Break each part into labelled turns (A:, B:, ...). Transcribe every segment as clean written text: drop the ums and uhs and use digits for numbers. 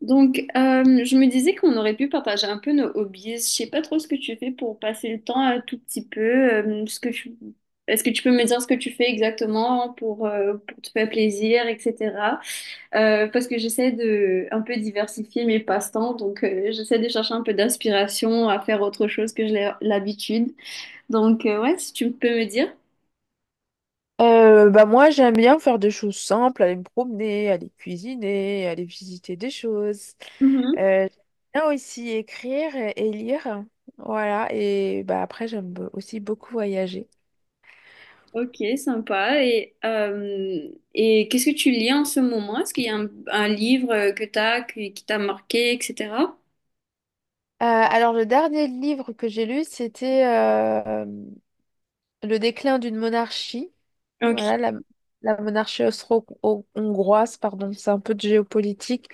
A: Je me disais qu'on aurait pu partager un peu nos hobbies. Je sais pas trop ce que tu fais pour passer le temps un tout petit peu. Est-ce que tu peux me dire ce que tu fais exactement pour te faire plaisir, etc. Parce que j'essaie de un peu diversifier mes passe-temps, donc j'essaie de chercher un peu d'inspiration à faire autre chose que j'ai l'habitude. Ouais, si tu peux me dire.
B: Bah moi j'aime bien faire des choses simples, aller me promener, aller cuisiner, aller visiter des choses. J'aime bien aussi écrire et lire. Voilà, et bah après aussi beaucoup voyager.
A: Ok, sympa. Et qu'est-ce que tu lis en ce moment? Est-ce qu'il y a un livre que t'as, qui t'a marqué, etc.?
B: Alors le dernier livre que j'ai lu, c'était Le déclin d'une monarchie.
A: Ok.
B: Voilà, la monarchie austro-hongroise, pardon, c'est un peu de géopolitique.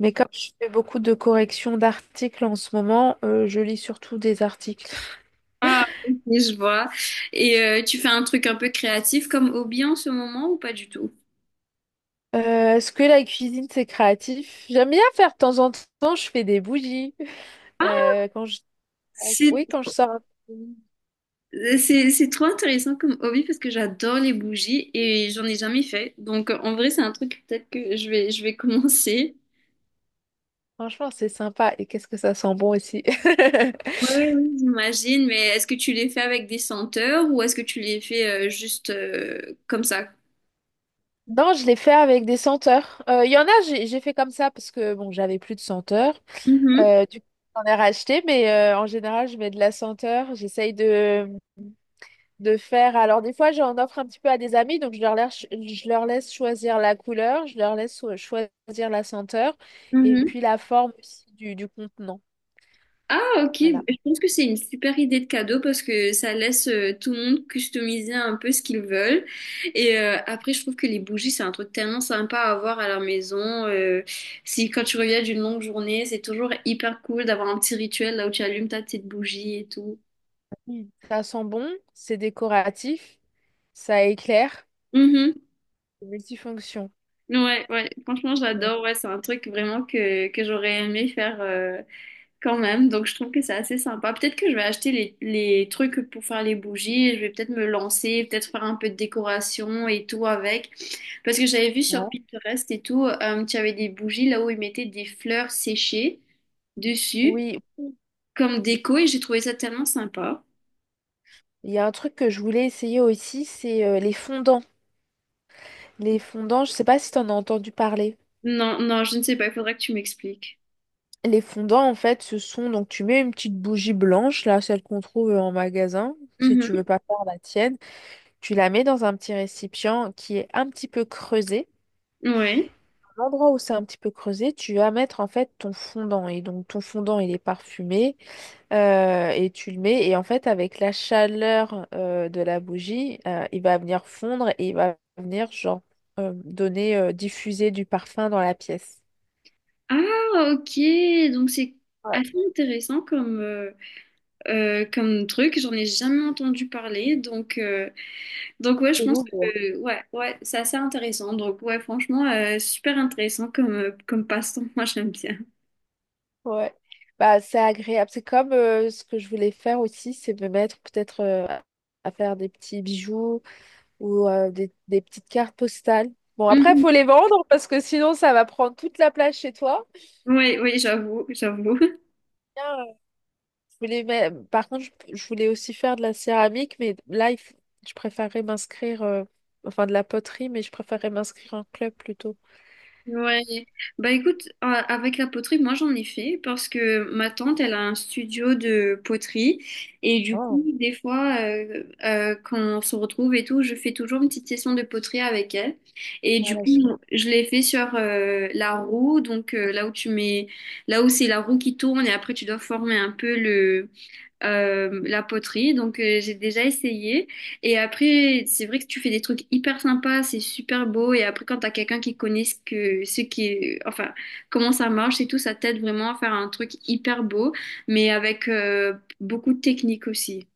B: Mais comme je fais beaucoup de corrections d'articles en ce moment, je lis surtout des articles.
A: Ah, ok, je vois. Et tu fais un truc un peu créatif comme hobby en ce moment ou pas du tout?
B: Est-ce que la cuisine, c'est créatif? J'aime bien faire de temps en temps, je fais des bougies. Euh, quand je...
A: C'est,
B: Oui, quand je sors.
A: c'est trop intéressant comme hobby parce que j'adore les bougies et j'en ai jamais fait. Donc en vrai, c'est un truc peut-être que je vais commencer.
B: Franchement, c'est sympa. Et qu'est-ce que ça sent bon aussi.
A: Ouais, oui, j'imagine, mais est-ce que tu les fais avec des senteurs ou est-ce que tu les fais juste comme ça?
B: Non, je l'ai fait avec des senteurs. Il y en a, j'ai fait comme ça parce que bon, j'avais plus de senteur.
A: Mhm,
B: Du coup, j'en ai racheté, mais en général, je mets de la senteur. De faire. Alors, des fois, j'en offre un petit peu à des amis, je leur laisse choisir la couleur, je leur laisse choisir la senteur et
A: mhm.
B: puis la forme aussi du contenant.
A: Ah, ok.
B: Voilà.
A: Je pense que c'est une super idée de cadeau parce que ça laisse tout le monde customiser un peu ce qu'ils veulent. Et après, je trouve que les bougies, c'est un truc tellement sympa à avoir à la maison. Euh, Si quand tu reviens d'une longue journée, c'est toujours hyper cool d'avoir un petit rituel là où tu allumes ta petite bougie et tout.
B: Mm. Ça sent bon, c'est décoratif, ça éclaire,
A: Mhm.
B: c'est multifonction.
A: Ouais, ouais. Franchement,
B: Donc,
A: j'adore. Ouais, c'est un truc vraiment que j'aurais aimé faire. Quand même, donc je trouve que c'est assez sympa. Peut-être que je vais acheter les trucs pour faire les bougies, je vais peut-être me lancer, peut-être faire un peu de décoration et tout avec. Parce que j'avais vu sur
B: Ouais.
A: Pinterest et tout, tu avais des bougies là où ils mettaient des fleurs séchées dessus
B: Oui,
A: comme déco et j'ai trouvé ça tellement sympa.
B: il y a un truc que je voulais essayer aussi, c'est les fondants. Les fondants, je sais pas si tu en as entendu parler.
A: Non, je ne sais pas, il faudra que tu m'expliques.
B: Les fondants, en fait, ce sont donc tu mets une petite bougie blanche, là, celle qu'on trouve en magasin, si tu
A: Mhm.
B: veux pas faire la tienne, tu la mets dans un petit récipient qui est un petit peu creusé.
A: Ouais.
B: À l'endroit où c'est un petit peu creusé, tu vas mettre en fait ton fondant. Et donc ton fondant, il est parfumé et tu le mets. Et en fait, avec la chaleur de la bougie, il va venir fondre et il va venir genre diffuser du parfum dans la pièce.
A: Ah, ok. Donc c'est
B: Ouais.
A: assez intéressant comme, comme truc. J'en ai jamais entendu parler. Donc ouais, je
B: C'est
A: pense
B: lourd.
A: que ouais, ouais, c'est assez intéressant. Donc ouais, franchement, super intéressant comme, comme passe-temps. Moi, j'aime bien.
B: Ouais. Bah, c'est agréable. C'est comme ce que je voulais faire aussi, c'est me mettre peut-être à faire des petits bijoux ou des petites cartes postales. Bon, après, il
A: Mhm.
B: faut les vendre parce que sinon, ça va prendre toute la place chez toi.
A: Oui, oui, j'avoue.
B: Bien, je voulais mais par contre, je voulais aussi faire de la céramique, je préférerais m'inscrire, enfin de la poterie, mais je préférerais m'inscrire en club plutôt.
A: Ouais, bah écoute, avec la poterie, moi j'en ai fait parce que ma tante, elle a un studio de poterie et du coup,
B: Oh.
A: des fois, quand on se retrouve et tout, je fais toujours une petite session de poterie avec elle et du
B: Voilà. je-
A: coup, je l'ai fait sur la roue, là où c'est la roue qui tourne et après tu dois former un peu le la poterie, donc j'ai déjà essayé. Et après, c'est vrai que tu fais des trucs hyper sympas, c'est super beau. Et après, quand t'as quelqu'un qui connaît ce qui est, enfin, comment ça marche et tout, ça t'aide vraiment à faire un truc hyper beau, mais avec beaucoup de technique aussi.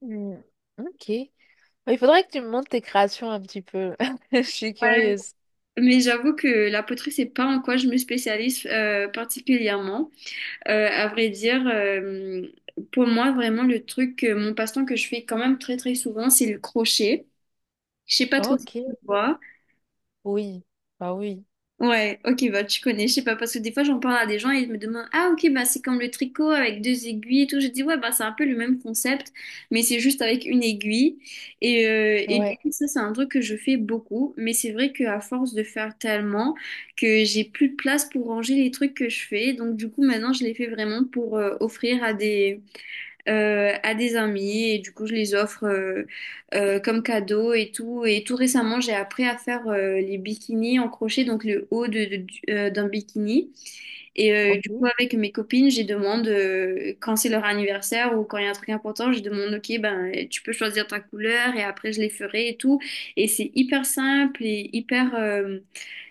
B: Hmm, Ok. Il faudrait que tu me montres tes créations un petit peu. Je suis
A: Ouais.
B: curieuse.
A: Mais j'avoue que la poterie, c'est pas en quoi je me spécialise particulièrement. À vrai dire, pour moi, vraiment, le truc, mon passe-temps que je fais quand même très très souvent, c'est le crochet. Je sais pas trop si
B: Ok,
A: tu vois.
B: Oui, bah oui,
A: Ouais, ok, bah tu connais, je sais pas, parce que des fois j'en parle à des gens et ils me demandent, ah ok, bah c'est comme le tricot avec deux aiguilles et tout. Je dis, ouais, bah c'est un peu le même concept, mais c'est juste avec une aiguille. Et du
B: ouais.
A: coup, ça, c'est un truc que je fais beaucoup, mais c'est vrai qu'à force de faire tellement que j'ai plus de place pour ranger les trucs que je fais. Donc du coup, maintenant, je les fais vraiment pour offrir à des amis et du coup je les offre comme cadeau et tout. Et tout récemment j'ai appris à faire les bikinis en crochet, donc le haut d'un bikini. Et du coup
B: Ok.
A: avec mes copines, je demande quand c'est leur anniversaire ou quand il y a un truc important, je demande ok ben tu peux choisir ta couleur et après je les ferai et tout. Et c'est hyper simple et hyper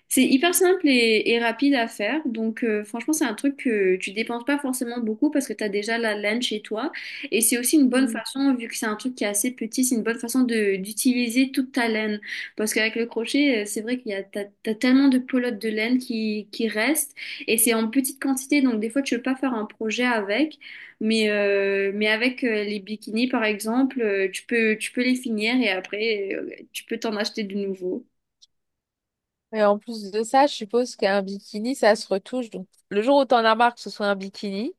A: c'est hyper simple et rapide à faire. Donc, franchement, c'est un truc que tu dépenses pas forcément beaucoup parce que tu as déjà la laine chez toi. Et c'est aussi une bonne
B: Mm.
A: façon, vu que c'est un truc qui est assez petit, c'est une bonne façon de d'utiliser toute ta laine. Parce qu'avec le crochet, c'est vrai qu'il y a, t'as tellement de pelotes de laine qui restent. Et c'est en petite quantité. Donc, des fois, tu peux pas faire un projet avec. Mais avec les bikinis, par exemple, tu peux les finir et après, tu peux t'en acheter de nouveau.
B: Et en plus de ça, je suppose qu'un bikini, ça se retouche. Donc, le jour où tu en as marre que ce soit un bikini,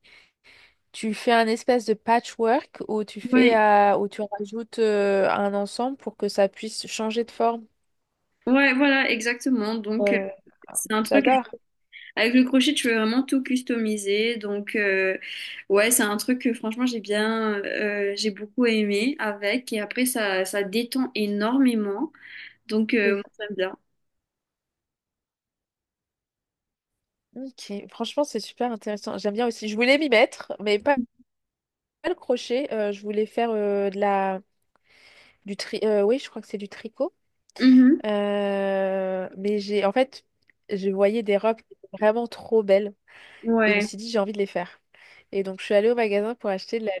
B: tu fais un espèce de patchwork où tu fais, où tu rajoutes un ensemble pour que ça puisse changer de forme.
A: Ouais, voilà, exactement. Donc,
B: Euh,
A: c'est un truc
B: J'adore.
A: avec le crochet, tu peux vraiment tout customiser. Donc, ouais, c'est un truc que franchement, j'ai beaucoup aimé avec. Et après, ça détend énormément. Donc,
B: Oui.
A: moi, j'aime bien.
B: Ok. Franchement, c'est super intéressant. J'aime bien aussi. Je voulais m'y mettre, mais pas, Pas le crochet. Je voulais faire de la, du tri. Oui, je crois que c'est du tricot.
A: Mhm.
B: En fait, je voyais des robes vraiment trop belles et je me
A: Ouais,
B: suis dit, j'ai envie de les faire. Et donc, je suis allée au magasin pour acheter de la...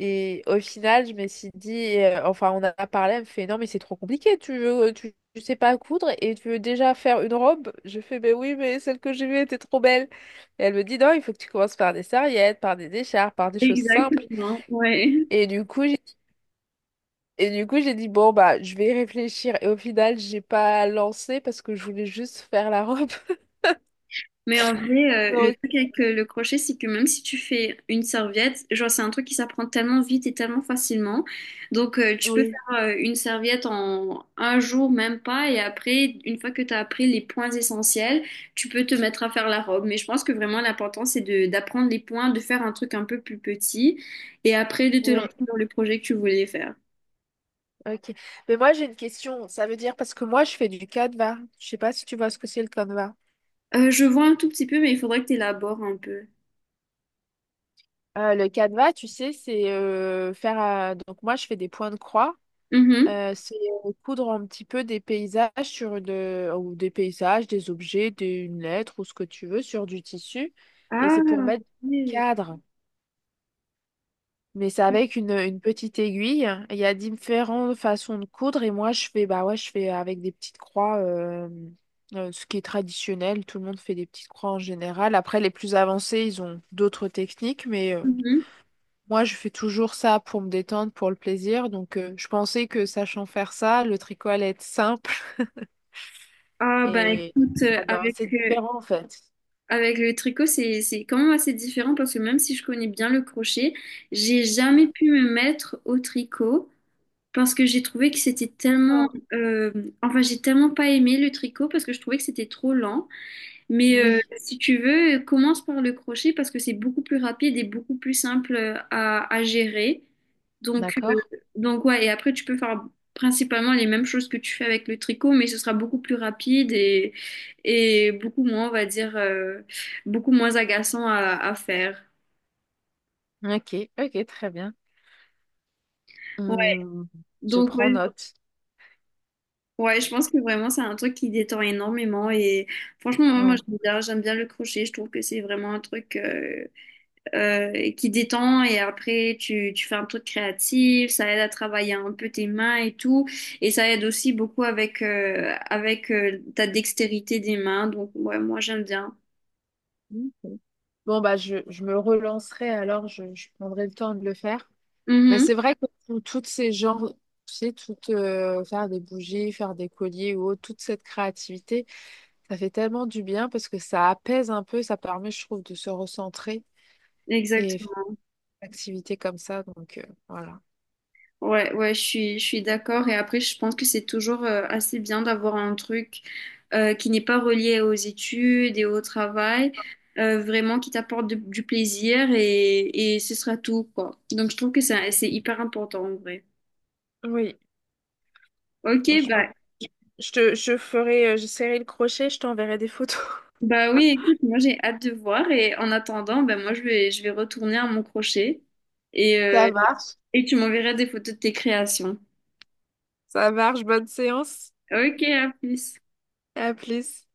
B: Et au final, je me suis dit, enfin, on a parlé, elle me fait, non, mais c'est trop compliqué, tu sais pas coudre et tu veux déjà faire une robe. Je fais, ben oui, mais celle que j'ai vue était trop belle. Et elle me dit, non, il faut que tu commences par des serviettes, par des écharpes, par des choses simples.
A: exactement. Ouais.
B: Et du coup, et du coup, j'ai dit, bon, bah, je vais réfléchir. Et au final, j'ai pas lancé parce que je voulais juste faire la robe.
A: Mais en vrai, le
B: Donc,
A: truc avec le crochet, c'est que même si tu fais une serviette, genre c'est un truc qui s'apprend tellement vite et tellement facilement. Donc tu peux
B: Oui,
A: faire une serviette en un jour, même pas, et après, une fois que tu as appris les points essentiels, tu peux te mettre à faire la robe. Mais je pense que vraiment l'important, c'est de d'apprendre les points, de faire un truc un peu plus petit, et après de te lancer
B: oui,
A: dans le projet que tu voulais faire.
B: ok. Mais moi, j'ai une question. Ça veut dire, parce que moi, je fais du canevas. Je sais pas si tu vois ce que c'est le canevas.
A: Je vois un tout petit peu, mais il faudrait que tu élabores un peu.
B: Le canevas, tu sais, c'est faire. Donc, moi, je fais des points de croix.
A: Mhm.
B: C'est Coudre un petit peu des paysages sur de, ou des paysages, des objets, une lettre ou ce que tu veux sur du tissu. Et
A: Ah,
B: c'est pour mettre des
A: oui.
B: cadres. Mais c'est avec une petite aiguille. Il y a différentes façons de coudre et moi je fais bah ouais je fais avec des petites croix, ce qui est traditionnel. Tout le monde fait des petites croix en général. Après les plus avancés ils ont d'autres techniques, mais
A: Mhm.
B: moi je fais toujours ça pour me détendre, pour le plaisir. Je pensais que sachant faire ça, le tricot allait être simple
A: Ah ben
B: et
A: écoute,
B: ah non, c'est différent en fait.
A: avec le tricot, c'est quand même assez différent parce que même si je connais bien le crochet, j'ai jamais pu me mettre au tricot parce que j'ai trouvé que c'était tellement...
B: D'accord.
A: enfin, j'ai tellement pas aimé le tricot parce que je trouvais que c'était trop lent. Mais
B: Oui,
A: si tu veux, commence par le crochet parce que c'est beaucoup plus rapide et beaucoup plus simple à gérer. Donc, euh,
B: d'accord.
A: donc ouais, et après tu peux faire principalement les mêmes choses que tu fais avec le tricot, mais ce sera beaucoup plus rapide et beaucoup moins, on va dire, beaucoup moins agaçant à faire.
B: Ok, ok, très bien.
A: Ouais,
B: Hum, je
A: donc
B: prends
A: ouais,
B: note.
A: ouais, je pense que vraiment c'est un truc qui détend énormément et franchement, moi,
B: Ouais.
A: j'aime bien le crochet, je trouve que c'est vraiment un truc qui détend et après tu fais un truc créatif, ça aide à travailler un peu tes mains et tout et ça aide aussi beaucoup avec ta dextérité des mains donc ouais moi j'aime bien.
B: Bon, bah, je me relancerai alors, je prendrai le temps de le faire. Mais
A: Mhm.
B: c'est vrai que toutes ces genres, tu sais, tout, faire des bougies, faire des colliers ou autre, toute cette créativité, ça fait tellement du bien parce que ça apaise un peu, ça permet, je trouve, de se recentrer et faire
A: Exactement.
B: des activités comme ça. Voilà.
A: Ouais, ouais, je suis d'accord. Et après, je pense que c'est toujours assez bien d'avoir un truc qui n'est pas relié aux études et au travail, vraiment qui t'apporte du plaisir et ce sera tout, quoi. Donc, je trouve que c'est hyper important en vrai.
B: Oui,
A: Ok,
B: franchement.
A: bah.
B: Je ferai, j'essaierai le crochet, je t'enverrai des photos.
A: Bah oui, écoute, moi j'ai hâte de voir et en attendant, ben moi je vais retourner à mon crochet et,
B: Ça
A: euh,
B: marche,
A: et tu m'enverras des photos de tes créations.
B: ça marche, bonne séance.
A: Ok, à plus.
B: À plus.